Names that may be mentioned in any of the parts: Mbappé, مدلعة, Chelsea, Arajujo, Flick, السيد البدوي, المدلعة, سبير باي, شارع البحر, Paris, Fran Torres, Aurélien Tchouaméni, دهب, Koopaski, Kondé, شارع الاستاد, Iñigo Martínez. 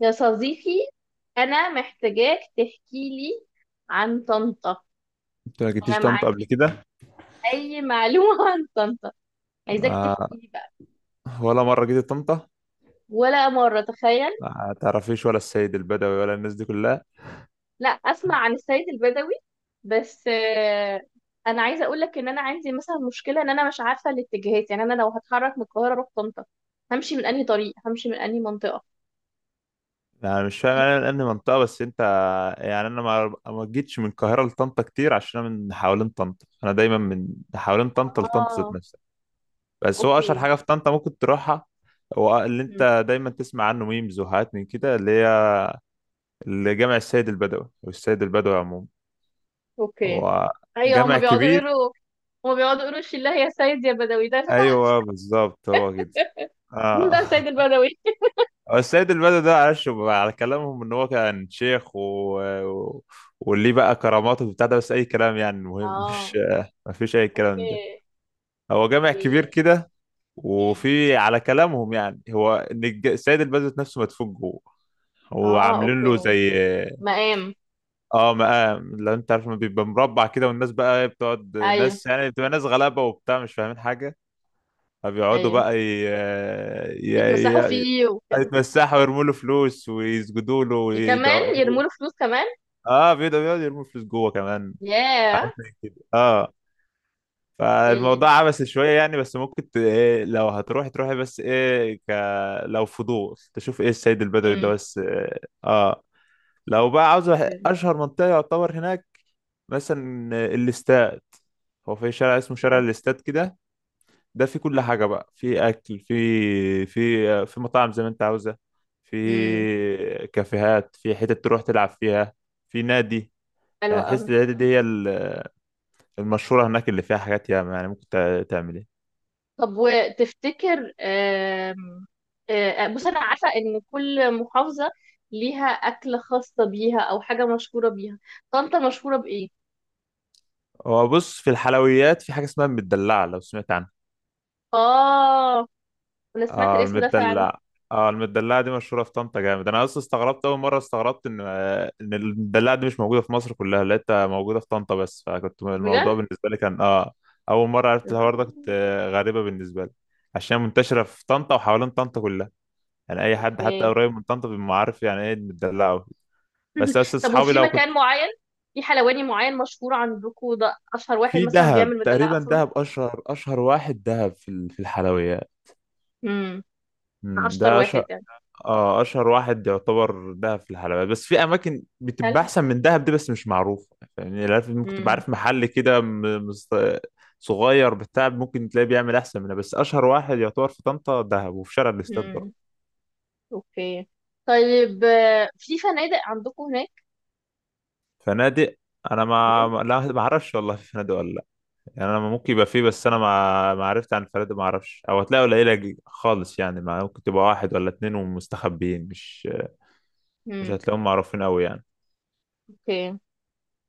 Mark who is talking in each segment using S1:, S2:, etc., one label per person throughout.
S1: يا صديقي، أنا محتاجاك تحكي لي عن طنطا.
S2: انت ما
S1: أنا
S2: جيتيش
S1: ما
S2: طنطا قبل
S1: عندي
S2: كده؟
S1: أي معلومة عن طنطا. عايزاك تحكي
S2: آه،
S1: لي بقى.
S2: ولا مره جيت طنطا.
S1: ولا مرة، تخيل.
S2: آه، ما تعرفيش ولا السيد البدوي ولا الناس دي كلها؟
S1: لا، أسمع عن السيد البدوي. بس أنا عايزة أقول لك إن أنا عندي مثلا مشكلة إن أنا مش عارفة الاتجاهات، يعني أنا لو هتحرك من القاهرة أروح طنطا همشي من أنهي طريق، همشي من أنهي منطقة؟
S2: يعني مش فاهم انا، لان منطقه بس انت. يعني انا ما جيتش من القاهره لطنطا كتير عشان انا من حوالين طنطا، انا دايما من حوالين طنطا لطنطا ذات
S1: آه.
S2: نفسها. بس هو اشهر
S1: أوكي.
S2: حاجه في طنطا ممكن تروحها، هو اللي
S1: مم،
S2: انت دايما تسمع عنه ميمز وحاجات من كده، اللي هي جامع السيد البدوي، او السيد البدوي عموما.
S1: أوكي.
S2: هو
S1: أيوه.
S2: جامع كبير.
S1: هما بيقعدوا يقولوا الشله يا سيد يا بدوي ده.
S2: ايوه بالظبط، هو كده.
S1: مين
S2: اه
S1: بقى سيد البدوي؟
S2: هو السيد البدوي ده، معلش بقى، على كلامهم ان هو كان شيخ و... واللي بقى كراماته وبتاع ده، بس اي كلام يعني المهم مش
S1: اه،
S2: ما فيش اي
S1: اوكي.
S2: كلام ده، هو جامع كبير
S1: اوكي.
S2: كده.
S1: مم.
S2: وفي على كلامهم يعني، هو ان السيد البدوي نفسه مدفون جوه، هو
S1: اه،
S2: عاملين له
S1: اوكي.
S2: زي
S1: مقام.
S2: اه مقام. لو انت عارف، ما بيبقى مربع كده، والناس بقى بتقعد،
S1: ايوه.
S2: ناس يعني بتبقى ناس غلابه وبتاع مش فاهمين حاجه، فبيقعدوا
S1: ايوه،
S2: بقى
S1: يتمسحوا
S2: ي... ي...
S1: فيه وكده.
S2: يتمسحوا ويرموا له فلوس ويسجدوا له ويدعوا.
S1: كمان يرموا له فلوس كمان؟
S2: اه بيقعدوا، يرموا فلوس جوه كمان،
S1: ياه.
S2: حاجات زي كده اه.
S1: ايوه.
S2: فالموضوع عبثي شويه يعني، بس ممكن ت... إيه لو هتروحي تروحي، بس ايه، لو فضول تشوف ايه السيد البدوي ده.
S1: امم
S2: بس. لو بقى عاوز اشهر منطقه يعتبر هناك، مثلا الاستاد. هو في شارع اسمه شارع الاستاد كده، ده في كل حاجة بقى، في أكل، في في مطاعم زي ما أنت عاوزة، في
S1: امم
S2: كافيهات، في حتت تروح تلعب فيها، في نادي.
S1: حلو
S2: يعني
S1: قوي.
S2: تحس النادي دي هي المشهورة هناك، اللي فيها حاجات ياما يعني ممكن تعمل إيه.
S1: طب، وتفتكر، آم، آه، آه، بص، انا عارفه ان كل محافظه ليها اكله خاصه بيها او حاجه مشهوره بيها. طنطا مشهوره بايه؟
S2: هو بص، في الحلويات في حاجة اسمها المدلعة، لو سمعت عنها.
S1: اه، انا سمعت
S2: اه
S1: الاسم ده فعلا.
S2: المدلع، اه المدلعة دي مشهورة في طنطا جامد. انا اصلا استغربت اول مرة، استغربت ان ان المدلعة دي مش موجودة في مصر كلها، لقيتها موجودة في طنطا بس، فكنت الموضوع بالنسبة لي كان اول مرة عرفت الحوار
S1: بجد؟
S2: ده، كنت غريبة بالنسبة لي. عشان منتشرة في طنطا وحوالين طنطا كلها، يعني اي حد حتى
S1: اوكي.
S2: قريب من طنطا بيبقى عارف يعني ايه المدلعة وكده. بس
S1: طب،
S2: اصحابي
S1: وفي
S2: لو كنت
S1: مكان معين، في حلواني معين مشهور عندكم، ده اشهر واحد
S2: في
S1: مثلا
S2: دهب
S1: بيعمل مدلعة
S2: تقريبا.
S1: اصلا؟
S2: دهب اشهر، واحد دهب في في الحلويات.
S1: امم. اشطر
S2: ده
S1: واحد يعني.
S2: اه اشهر واحد يعتبر دهب في الحلويات، بس في اماكن بتبقى
S1: هل
S2: احسن من دهب دي بس مش معروفه. يعني عارف، ممكن تبقى
S1: امم
S2: عارف محل كده مست... صغير بتاع ممكن تلاقيه بيعمل احسن منها، بس اشهر واحد يعتبر في طنطا دهب، وفي شارع الاستاد برضه.
S1: امم اوكي. طيب، في فنادق عندكم هناك؟
S2: فنادق، انا
S1: امم.
S2: ما ما- لا ما اعرفش والله في فنادق ولا لا. يعني انا ممكن يبقى فيه، بس انا ما عرفت عن الفنادق، ما اعرفش، او هتلاقي قليله خالص يعني، ما ممكن تبقى واحد ولا اتنين ومستخبيين. مش
S1: أمم.
S2: هتلاقيهم معروفين قوي يعني.
S1: اوكي.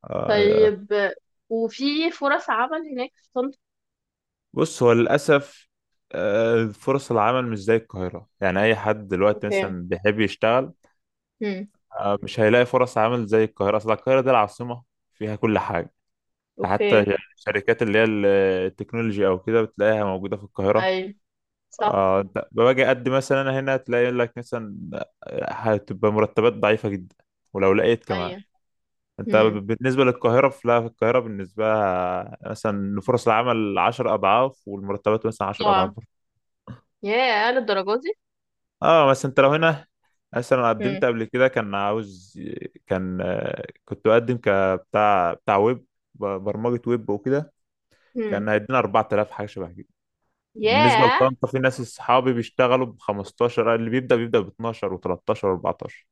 S2: آه،
S1: طيب، وفي فرص عمل هناك في طنطا؟
S2: بص هو للأسف فرص العمل مش زي القاهرة، يعني أي حد دلوقتي
S1: اوكي.
S2: مثلا بيحب يشتغل
S1: امم.
S2: مش هيلاقي فرص عمل زي القاهرة، أصل القاهرة دي العاصمة فيها كل حاجة. حتى
S1: اوكي.
S2: الشركات اللي هي التكنولوجي أو كده بتلاقيها موجودة في القاهرة.
S1: اي، صح.
S2: أنت باجي أقدم مثلا أنا هنا، تلاقي يقول لك مثلا هتبقى مرتبات ضعيفة جدا، ولو لقيت كمان
S1: اي.
S2: أنت
S1: امم.
S2: بالنسبة للقاهرة فلا، في القاهرة بالنسبة لها مثلا فرص العمل عشر أضعاف، والمرتبات مثلا عشر أضعاف.
S1: طبعا. ياه، للدرجة دي؟
S2: اه بس انت لو هنا مثلا
S1: امم.
S2: قدمت قبل كده كان عاوز، كان كنت بقدم بتاع ويب، برمجة ويب وكده،
S1: امم.
S2: كان هيدينا 4000 حاجة شبه كده. بالنسبة
S1: ياه.
S2: لطنطا في ناس اصحابي بيشتغلوا ب 15، اللي بيبدأ ب 12 و13 و14.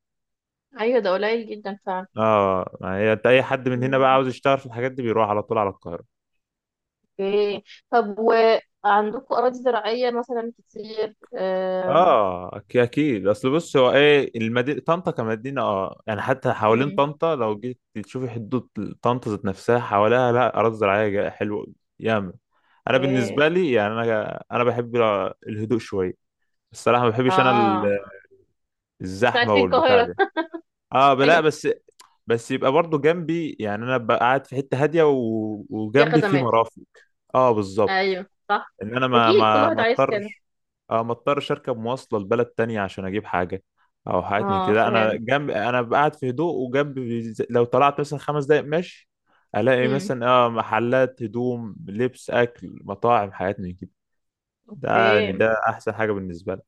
S1: ايوه، ده قليل جدا فعلا.
S2: اه ما هي انت اي حد من هنا بقى
S1: مم.
S2: عاوز يشتغل في الحاجات دي بيروح على طول على القاهرة.
S1: اوكي. طب، وعندكم أراضي زراعية مثلا كتير،
S2: اه اكيد، اصل بص هو ايه، المدينه طنطا كمدينه يعني، حتى حوالين
S1: امم.
S2: طنطا لو جيت تشوفي، حدود طنطا ذات نفسها حواليها لا اراضي زراعيه حلوه ياما. انا
S1: اوكي.
S2: بالنسبه لي يعني، انا بحب الهدوء شويه، الصراحه ما بحبش انا
S1: اه،
S2: الزحمه
S1: عايزين
S2: والبتاع
S1: القاهرة.
S2: ده. اه
S1: ايوه،
S2: لا، بس بس يبقى برضو جنبي، يعني انا ببقى قاعد في حته هاديه
S1: فيها
S2: وجنبي في
S1: خدمات.
S2: مرافق. اه بالظبط،
S1: ايوه صح.
S2: ان انا ما
S1: اكيد كل
S2: ما
S1: واحد
S2: ما
S1: عايز كده.
S2: اضطرش. اه ما اضطرش اركب مواصله لبلد تانية عشان اجيب حاجه او حاجات من
S1: اه،
S2: كده، انا
S1: فاهم.
S2: جنب، انا قاعد في هدوء وجنب، لو طلعت مثلا 5 دقايق ماشي الاقي
S1: امم.
S2: مثلا محلات هدوم، لبس، اكل، مطاعم، حاجات من كده، ده يعني
S1: اوكي.
S2: ده احسن حاجه بالنسبه لي.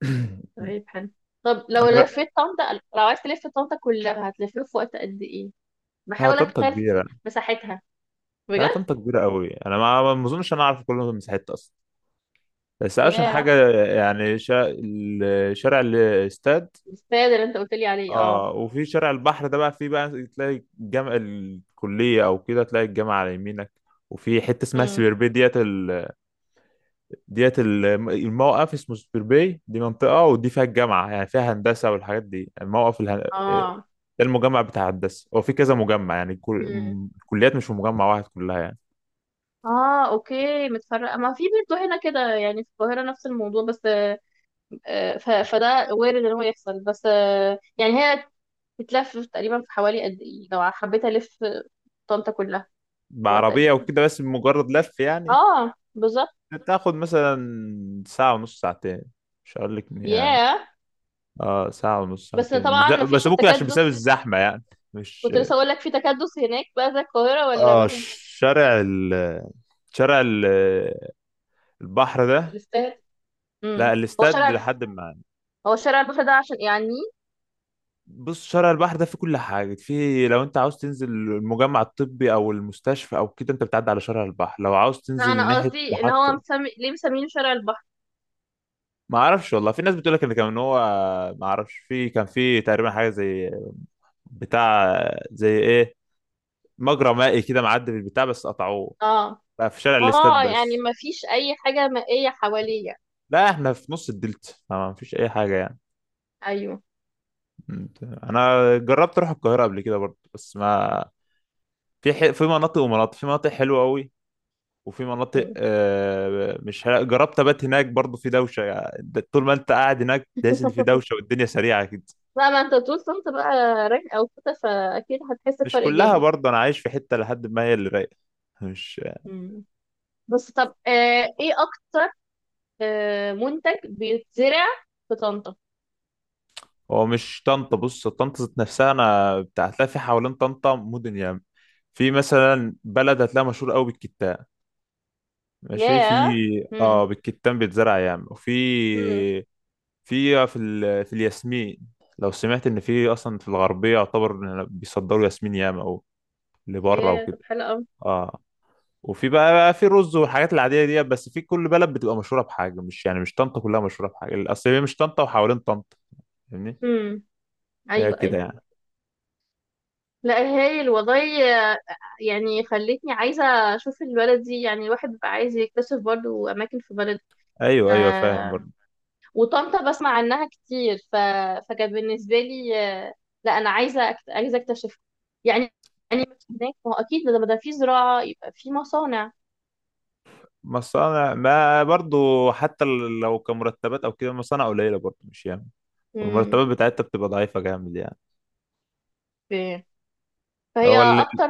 S1: طيب، حلو. طب لو
S2: انا جا...
S1: لفيت طنطا، لو عايز تلف طنطا كلها هتلفيها في وقت قد ايه؟
S2: ها،
S1: بحاول
S2: طنطا
S1: اتخيل
S2: كبيره.
S1: مساحتها.
S2: لا
S1: بجد؟
S2: طنطا كبيره قوي، انا ما اظنش انا اعرف كل مساحتها اصلا، بس اشهر
S1: ياه.
S2: حاجه يعني شارع الاستاد.
S1: الاستاد اللي انت قلت لي عليه، اه.
S2: اه وفي شارع البحر ده بقى، فيه بقى تلاقي الجامع، الكلية او كده تلاقي الجامعة على يمينك. وفي حتة اسمها
S1: امم.
S2: سبير باي الموقف اسمه سبير باي، دي منطقة، ودي فيها الجامعة، يعني فيها هندسة والحاجات دي، الموقف
S1: اه.
S2: ده المجمع بتاع هندسة. هو في كذا مجمع، يعني
S1: مم.
S2: الكليات مش في مجمع واحد كلها يعني.
S1: اه، اوكي، متفرقه ما في. برضه هنا كده يعني، في القاهره نفس الموضوع. بس آه، آه، ف- فده وارد ان هو يحصل. بس يعني هي بتلف تقريبا في حوالي قد ايه لو حبيت الف طنطا كلها؟ وقت قد
S2: بعربية
S1: ايه؟
S2: وكده بس مجرد لف يعني،
S1: اه، بالظبط.
S2: بتاخد مثلا ساعة ونص، ساعتين، مش هقول لك.
S1: ياه.
S2: اه ساعة ونص
S1: بس
S2: ساعتين، بس
S1: طبعا ما فيش
S2: بس ممكن عشان بسبب
S1: التكدس.
S2: الزحمة يعني. مش
S1: كنت لسه اقول لك، في تكدس هناك بقى زي القاهره ولا
S2: اه
S1: ما فيش؟
S2: شارع ال شارع ال- البحر ده،
S1: تستاهل. امم.
S2: لا
S1: هو
S2: الاستاد
S1: شارع
S2: لحد ما.
S1: هو شارع البحر ده عشان يعني.
S2: بص، شارع البحر ده فيه كل حاجة، فيه لو انت عاوز تنزل المجمع الطبي او المستشفى او كده انت بتعدي على شارع البحر، لو عاوز
S1: لا،
S2: تنزل
S1: انا
S2: ناحية
S1: قصدي ان هو
S2: محطة.
S1: مسمي ليه مسمينه شارع البحر.
S2: ما اعرفش والله، في ناس بتقول لك ان كان هو، ما اعرفش، في كان في تقريبا حاجة زي بتاع زي ايه، مجرى مائي كده معدي بالبتاع، بس قطعوه،
S1: اه.
S2: بقى في شارع الاستاد
S1: اه، يعني
S2: بس.
S1: ما فيش اي حاجة مائية حواليا.
S2: لا احنا في نص الدلتا، فما فيش اي حاجه يعني.
S1: ايوه.
S2: انا جربت اروح القاهره قبل كده برضه، بس ما، في مناطق ومناطق، في مناطق حلوه قوي، وفي مناطق
S1: مم.
S2: مش حلوة. جربت ابات هناك برضه، في دوشه يعني، طول ما انت قاعد هناك تحس ان في دوشه، والدنيا سريعه كده.
S1: لا، ما انت طول كنت بقى راجل او كده، فاكيد هتحس
S2: مش
S1: بفرق
S2: كلها
S1: جامد.
S2: برضه، انا عايش في حته لحد ما هي اللي رايقه. مش
S1: مم. بس طب ايه اكتر منتج بيتزرع في طنطا؟
S2: هو مش طنطا، بص طنطا ذات نفسها انا بتاع، هتلاقي في حوالين طنطا مدن يعني، في مثلا بلد هتلاقيها مشهور قوي بالكتاب، ماشي، في
S1: ياه. مم.
S2: اه بالكتان بيتزرع يعني، وفي
S1: مم.
S2: في الياسمين، لو سمعت ان في اصلا في الغربيه يعتبر بيصدروا ياسمين ياما او لبره
S1: ياه. طب،
S2: وكده.
S1: حلو قوي.
S2: اه وفي بقى، في رز والحاجات العاديه دي، بس في كل بلد بتبقى مشهوره بحاجه، مش يعني مش طنطا كلها مشهوره بحاجه، اصل هي مش طنطا وحوالين طنطا، فاهمني؟
S1: مم.
S2: هي
S1: ايوه،
S2: كده
S1: ايوه.
S2: يعني.
S1: لا، هايل والله، يعني خلتني عايزة اشوف البلد دي، يعني الواحد بقى عايز يكتشف برضو اماكن في بلد.
S2: ايوه ايوه فاهم برضه.
S1: وطنطا بسمع عنها كتير فكان بالنسبة لي، آه، لا أنا عايزة عايزة أكتشفها يعني. يعني هناك، ما هو أكيد لما ده في زراعة يبقى في مصانع.
S2: مصانع، ما برضه حتى لو كمرتبات او كده مصانع قليله برضه مش ياما،
S1: مم.
S2: والمرتبات بتاعتها بتبقى ضعيفه جامد يعني.
S1: ف- فهي
S2: هو ال...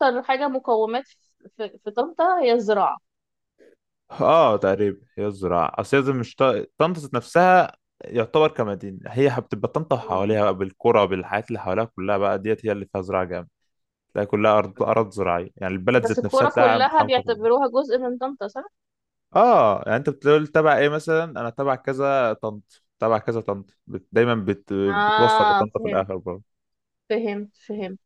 S1: أكتر حاجة مقومات في طنطا هي الزراعة.
S2: اه تقريبا هي الزراعة، اصل هي زي مش طنطا ذات نفسها يعتبر كمدينة، هي بتبقى طنطا
S1: مم.
S2: وحواليها بقى بالقرى بالحاجات اللي حواليها كلها بقى ديت هي اللي فيها زراعة جامد، تلاقي كلها أرض أرض زراعية يعني، البلد
S1: بس
S2: ذات نفسها
S1: الكورة
S2: تلاقيها
S1: كلها
S2: متحوطة بال.
S1: بيعتبروها جزء من طنطا، صح؟
S2: اه يعني، انت بتقول تبع ايه، مثلا انا تبع كذا طنط تبع كذا طنط دايما بتوصل
S1: آه،
S2: لطنطا في
S1: فهمت.
S2: الاخر برضه.
S1: فهمت فهمت.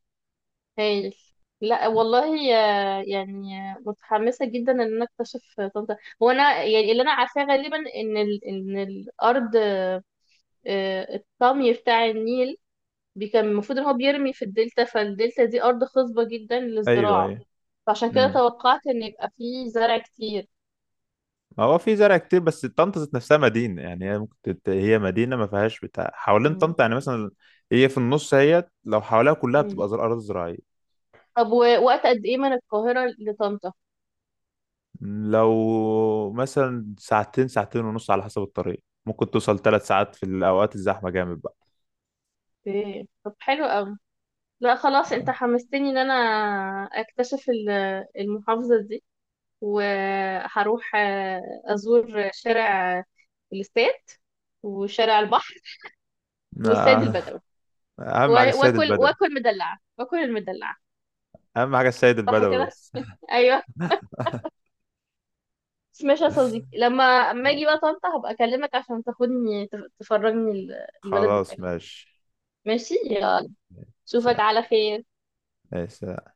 S1: هايل. لا والله، يعني متحمسة جدا ان انا اكتشف طنطا. هو انا يعني اللي انا عارفاه غالبا ان ان الارض، الطمي بتاع النيل كان المفروض ان هو بيرمي في الدلتا، فالدلتا دي ارض خصبة جدا
S2: ايوه
S1: للزراعة.
S2: ايوه،
S1: فعشان كده توقعت ان يبقى فيه زرع كتير.
S2: هو في زرع كتير، بس طنطا ذات نفسها مدينة يعني، هي ممكن هي مدينة ما فيهاش بتاع، حوالين
S1: مم.
S2: طنطا يعني مثلا هي في النص، هي لو حواليها كلها
S1: مم.
S2: بتبقى أراضي زراعية.
S1: طب، ووقت قد ايه من القاهرة لطنطا؟
S2: لو مثلا ساعتين، ساعتين ونص، على حسب الطريق ممكن توصل 3 ساعات في الأوقات الزحمة جامد بقى.
S1: اوكي. طب، حلو قوي. لا خلاص، انت حمستني ان انا اكتشف المحافظة دي. وهروح أزور شارع الاستاد، وشارع البحر، والسيد
S2: آه،
S1: البدوي،
S2: أهم حاجة
S1: و-
S2: السيد البدوي،
S1: واكل المدلعة.
S2: أهم حاجة السيد
S1: صح
S2: البدوي
S1: كده؟
S2: بس.
S1: ايوه. بس ماشي يا صديقي، لما اما اجي بقى طنطا هبقى اكلمك عشان تاخدني تفرجني البلد
S2: خلاص
S1: بتاعتك.
S2: ماشي.
S1: ماشي يلا. اشوفك
S2: سلام.
S1: على خير.
S2: ماشي.